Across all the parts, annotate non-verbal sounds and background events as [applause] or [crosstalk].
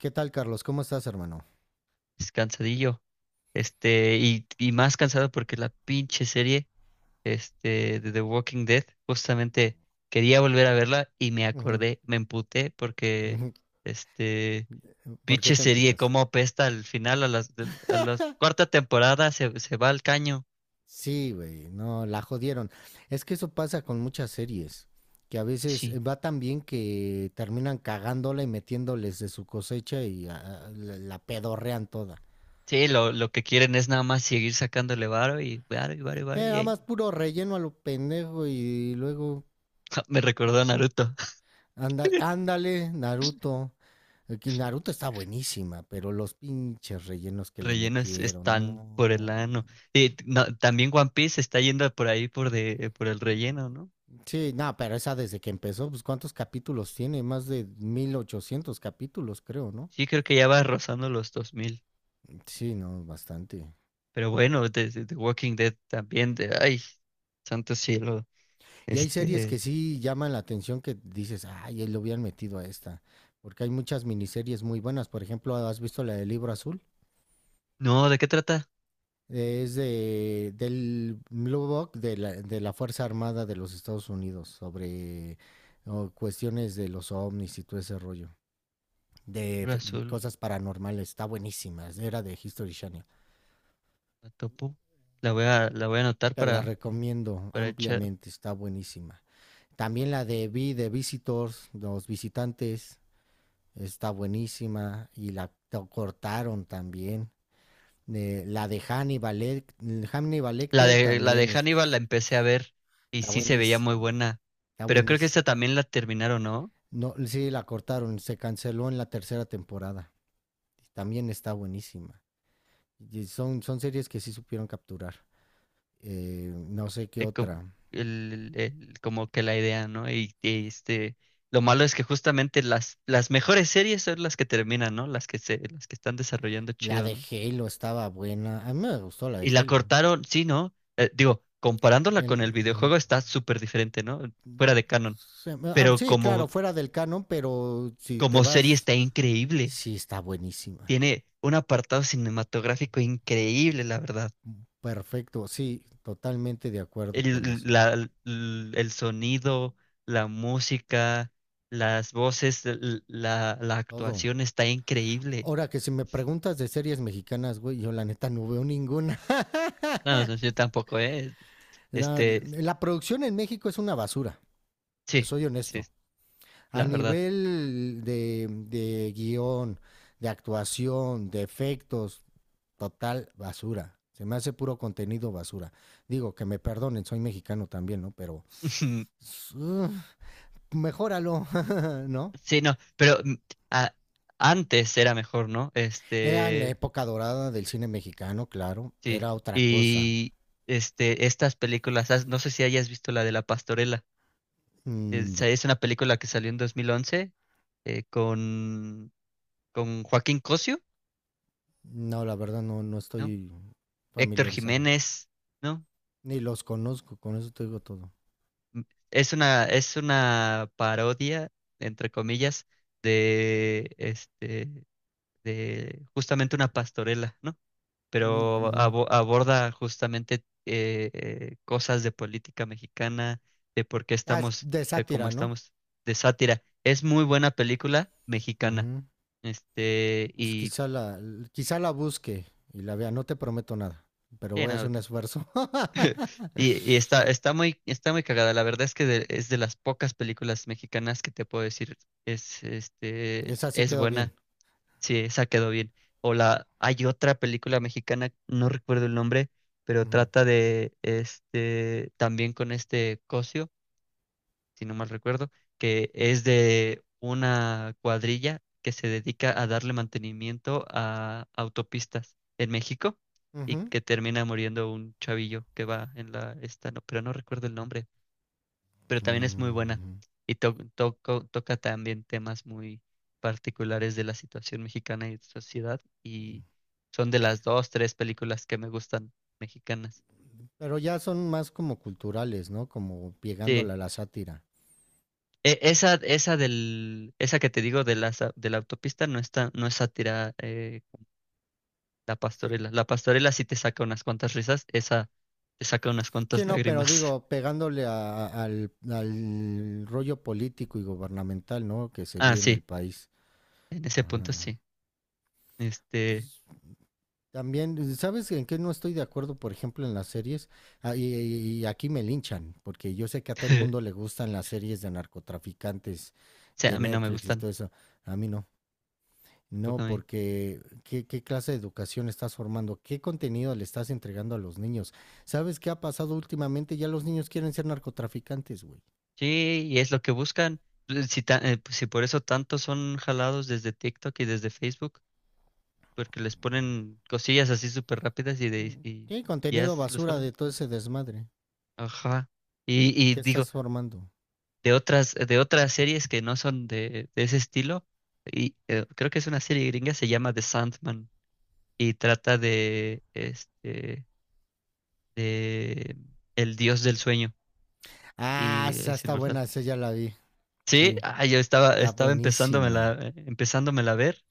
¿Qué tal, Carlos? ¿Cómo estás, hermano? Es cansadillo. Y más cansado porque la pinche serie, de The Walking Dead, justamente quería volver a verla y me Ujú, acordé, me emputé porque, ujú. este, [laughs] ¿Por qué pinche te serie, emputaste? cómo apesta al final, a las, a la cuarta temporada se va al caño. Sí, güey, no, la jodieron. Es que eso pasa con muchas series, que a veces Sí, va tan bien que terminan cagándola y metiéndoles de su cosecha y la pedorrean toda. sí, lo que quieren es nada más seguir sacándole varo y varo y varo y varo y Nada ahí. más puro relleno a lo pendejo y luego [laughs] Me recordó a Naruto. Ándale, Naruto. Que Naruto está buenísima, pero los pinches rellenos que le Rellenos metieron, están por el no. ano. Y no, también One Piece está yendo por ahí por el relleno, ¿no? Sí, no, pero esa desde que empezó, pues ¿cuántos capítulos tiene? Más de 1800 capítulos, creo, ¿no? Sí, creo que ya va rozando los 2000. Sí, no, bastante. Pero bueno, de Walking Dead también de ay, santo cielo. Y hay series que Este, sí llaman la atención que dices, ay, él lo hubieran metido a esta. Porque hay muchas miniseries muy buenas. Por ejemplo, ¿has visto la del Libro Azul? no, ¿de qué trata? Es del Blue Book de de la Fuerza Armada de los Estados Unidos sobre cuestiones de los ovnis y todo ese rollo. De Libro fe- azul, Cosas paranormales. Está buenísima. Era de History Channel. la topo. La voy a anotar Te la para recomiendo echar. ampliamente, está buenísima. También la de Visitors, los visitantes, está buenísima y cortaron también. La de Hannibal La Lecter de la de también Hannibal la empecé a ver y está sí se veía muy buenísima, buena. está Pero creo que esta buenísima. también la terminaron, ¿no? No, sí, la cortaron, se canceló en la tercera temporada. También está buenísima. Y son series que sí supieron capturar. No sé qué eh, com- otra. Como que la idea, ¿no? Lo malo es que justamente las mejores series son las que terminan, ¿no? Las que están desarrollando La chido, de ¿no? Halo estaba buena. A mí me gustó la de Y la Halo. cortaron, sí, ¿no? Digo, comparándola con El- el mm, videojuego está súper diferente, ¿no? mm, Fuera de canon. Pero sí, claro, como, fuera del canon, pero si te como serie vas, está increíble. sí está buenísima. Tiene un apartado cinematográfico increíble, la verdad. Perfecto, sí, totalmente de acuerdo con el, eso. la- l- el sonido, la música, las voces, la Todo. actuación está increíble. Ahora que si me preguntas de series mexicanas, güey, yo la neta no veo ninguna. [laughs] No, no, yo tampoco, ¿eh? Este, La producción en México es una basura, te sí, soy sí, honesto. A la verdad. nivel de guión, de actuación, de efectos, total basura. Se me hace puro contenido basura. Digo, que me perdonen, soy mexicano también, ¿no? Pero [laughs] uh, mejóralo, [laughs] ¿no? Sí, no, pero a- antes era mejor, ¿no? Era en la época dorada del cine mexicano, claro. Sí. Era otra cosa. Y estas películas, no sé si hayas visto la de La Pastorela. Mm, Es, no. es una película que salió en 2011 eh, con, con Joaquín Cosio. No, la verdad no, no No, estoy Héctor familiarizado. Jiménez, ¿no? Ni los conozco, con eso te digo todo. Es una parodia, entre comillas, de este, de justamente una pastorela, ¿no? Mm, Pero mm. Aborda justamente cosas de política mexicana, de por qué Ah, es estamos, de como sátira, ¿no? estamos, de sátira. Es muy buena película mexicana. -hmm. Pues Y quizá la busque y la vea. No te prometo nada, pero sí, voy a no, hacer un esfuerzo. [laughs] y está, está muy cagada. La verdad es que es de las pocas películas mexicanas que te puedo decir Esa sí es quedó bien. buena. Sí, esa quedó bien. O hay otra película mexicana, no recuerdo el nombre, pero -hmm. trata de, también con este Cosio si no mal recuerdo, que es de una cuadrilla que se dedica a darle mantenimiento a autopistas en México y Ujú. que termina muriendo un chavillo que va en la esta, no, pero no recuerdo el nombre, pero también es muy buena Mm, y toca también temas muy particulares de la situación mexicana y sociedad ujú. y son de las dos, tres películas que me gustan mexicanas. Pero ya son más como culturales, ¿no? Como pegándole Sí. a la sátira. Esa que te digo de la autopista no está, no es sátira, la pastorela. La pastorela sí te saca unas cuantas risas, esa te saca unas Sí, cuantas no, pero lágrimas. digo, [laughs] pegándole al rollo político y gubernamental, ¿no? Que se Ah, vive en el sí, país. en ese punto Ajá. sí. Este, Pues, también, ¿sabes en qué no estoy de acuerdo, por ejemplo, en las series? Ah, y, y aquí me linchan, porque yo sé que a todo el mundo le [laughs] gustan las series de narcotraficantes sí, de a mí no me Netflix y gustan. todo eso. A mí no. No, Tampoco a mí. porque ¿qué clase de educación estás formando? ¿Qué contenido le estás entregando a los niños? ¿Sabes qué ha pasado últimamente? Ya los niños quieren ser narcotraficantes, güey. Sí, y es lo que buscan. Pues, si por eso tantos son jalados desde TikTok y desde Facebook, porque les ponen cosillas así súper rápidas y, de, Mm. ¿Qué y ya contenido se los basura de jalan. todo ese desmadre? Ajá. Y ¿Qué digo, estás formando? de otras series que no son de ese estilo. Y creo que es una serie gringa, se llama The Sandman y trata de el dios del sueño Ah, y esa es está inmortal. buena, esa ya la vi. Sí, Sí, yo estaba, está estaba empezándomela, buenísima. Empezándomela a ver.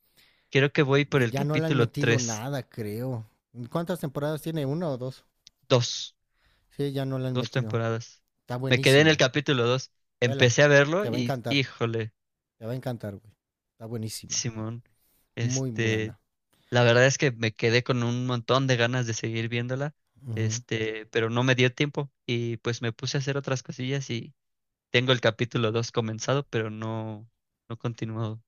Creo que voy por Y el ya no le han capítulo metido tres. nada, creo. ¿Cuántas temporadas tiene? ¿Una o dos? Dos, Sí, ya no le han dos metido. temporadas. Está Me quedé en el buenísima. capítulo dos. Vela, Empecé a verlo te va a y, encantar. híjole, Te va a encantar, güey. Está buenísima. Simón. Muy este, buena. La verdad es que me quedé con un montón de ganas de seguir viéndola, Ujú. Pero no me dio tiempo y pues me puse a hacer otras cosillas y tengo el capítulo dos comenzado, pero no, no continuado.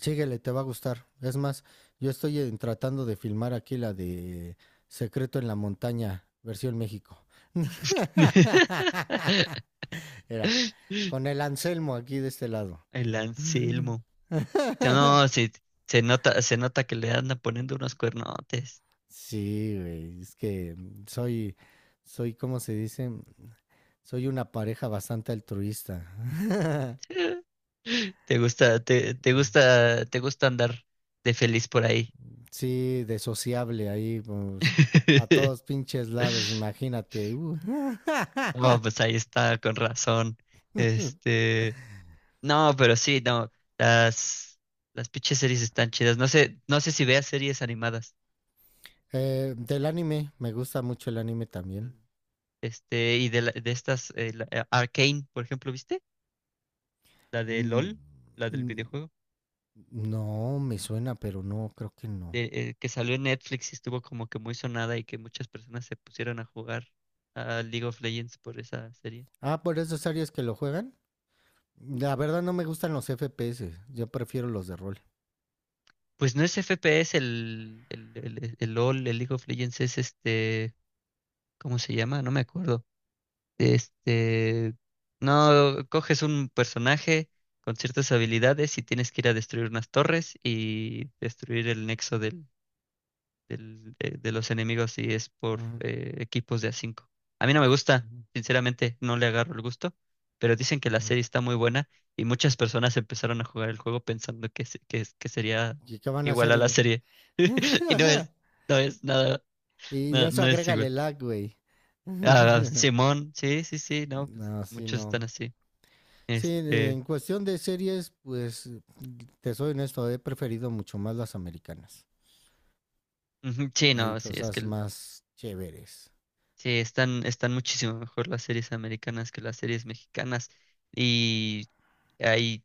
Síguele, te va a gustar. Es más, yo estoy tratando de filmar aquí la de Secreto en la Montaña, versión México. [laughs] [laughs] Era, con el Anselmo aquí de este lado. El Ujú. Anselmo. No, sí, se nota que le andan poniendo unos cuernotes. Sí, güey, es que soy, soy, ¿cómo se dice? Soy una pareja bastante altruista. [laughs] [laughs] Te gusta andar de feliz por ahí. Sí, de sociable ahí, pues, para todos [laughs] pinches lados, imagínate. No, [laughs] pues ahí está, con razón. Este. No, pero sí, no. Las, las, pinches series están chidas. No sé si veas series animadas. Del anime, me gusta mucho el anime también. Y de estas, Arcane, por ejemplo, ¿viste? La de Mm, LOL, la del mm, videojuego, No, me suena, pero no, creo que no. Que salió en Netflix y estuvo como que muy sonada y que muchas personas se pusieron a jugar a League of Legends por esa serie. Ah, por esos áreas que lo juegan. La verdad no me gustan los FPS, yo prefiero los de rol. Pues no es FPS el LOL, el League of Legends es, ¿cómo se llama? No me acuerdo. Este, no, coges un personaje con ciertas habilidades y tienes que ir a destruir unas torres y destruir el nexo de los enemigos y es por Ujú, eh, equipos de a 5. A mí no me gusta, ujú, sinceramente, no le agarro el gusto, pero dicen que la ujú. serie está muy buena y muchas personas empezaron a jugar el juego pensando que, se- que, es- que sería ¿Y qué van a igual hacer? a la serie. [laughs] Y no [laughs] es, no es nada, Y no, eso no es agrégale igual. lag, güey. Ah, [laughs] Simón, sí, sí, sí, no, pues No, sí, muchos están no. así. Sí, Este, en cuestión de series, pues te soy honesto, he preferido mucho más las americanas. ujú, sí, Hay no, sí, es que cosas más chéveres. sí, están muchísimo mejor las series americanas que las series mexicanas. Y hay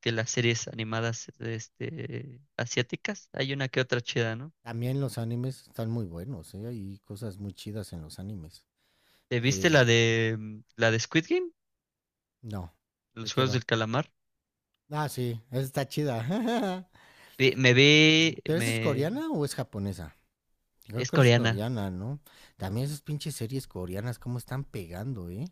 que las series animadas, asiáticas, hay una que otra chida, ¿no? También los animes están muy buenos, ¿eh? Hay cosas muy chidas en los animes. ¿Te viste la Que de la de Squid Game? no, ¿de Los qué Juegos va? del Calamar. Ah, sí, esa está chida. [laughs] Vi- Me ve, ¿Pero esa es me coreana o es japonesa? Yo creo es que es coreana. coreana, ¿no? También esas pinches series coreanas, cómo están pegando, ¿eh?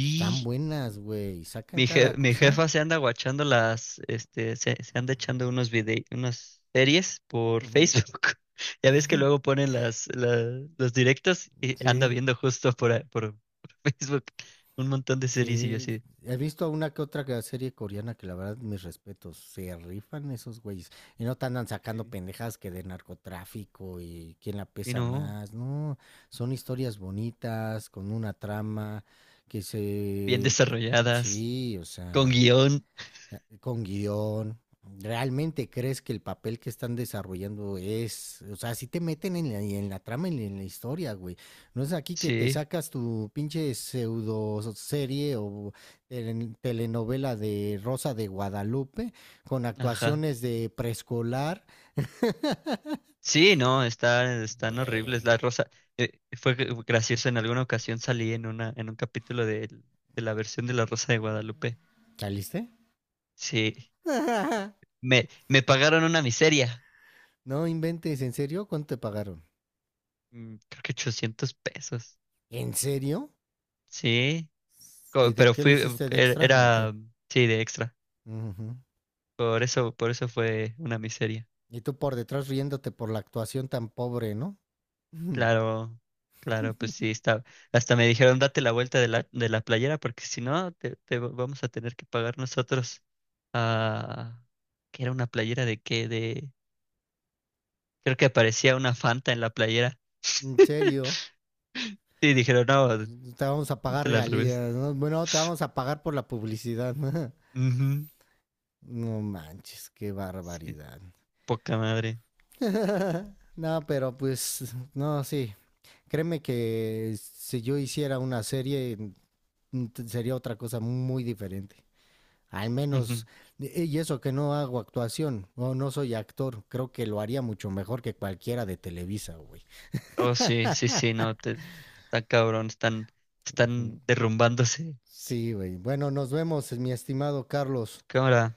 Están buenas, güey. Sacan Mi, je- cada mi cosa. jefa se anda guachando se anda echando unos videos, unas series por Ujú. Facebook. [laughs] Ya ves que [laughs] luego ponen las, los directos y anda Sí. viendo justo por [laughs] Facebook un montón de series y yo Sí, así. he visto una que otra serie coreana que la verdad, mis respetos, se rifan esos güeyes. Y no te andan sacando Sí. pendejadas que de narcotráfico y quién la Y pesa no, más, no. Son historias bonitas, con una trama que bien se... desarrolladas, Sí, o con sea guión. con guión. ¿Realmente crees que el papel que están desarrollando es, o sea, si te meten en la trama, en la historia, güey? No es aquí que te Sí, sacas tu pinche pseudo serie o telenovela de Rosa de Guadalupe con ajá. actuaciones de preescolar. Sí, no, están horribles. Güey, La Rosa, fue gracioso, en alguna ocasión salí en un capítulo de la versión de La Rosa de Guadalupe. ¿saliste? Sí. [laughs] Me pagaron una miseria. No inventes, ¿en serio? ¿Cuánto te pagaron? Creo que 800 pesos. ¿En serio? Sí, ¿Y de pero qué le hiciste de extra o qué? era, sí, de extra. Ujú. Por eso fue una miseria. Y tú por detrás riéndote por la actuación tan pobre, ¿no? Mm. Claro, claro, pues sí, está. Hasta me dijeron, date la vuelta de la, playera, porque si no, vamos a tener que pagar nosotros. Ah, que era una playera creo que aparecía una Fanta en la playera. En [laughs] serio. Sí, dijeron, no, Te vamos a pagar póntela al revés. regalías, ¿no? Bueno, te vamos a pagar por la publicidad. [laughs] Ujú. No manches, qué Sí, barbaridad. poca madre. [laughs] No, pero pues, no, sí. Créeme que si yo hiciera una serie, sería otra cosa muy diferente. Al menos, Ujú. Y eso que no hago actuación, o no soy actor, creo que lo haría mucho mejor que cualquiera de Televisa, güey. Oh, sí, sí, sí, no, está cabrón, están Ujú. derrumbándose. Sí, güey. Bueno, nos vemos, mi estimado Carlos. Cámara.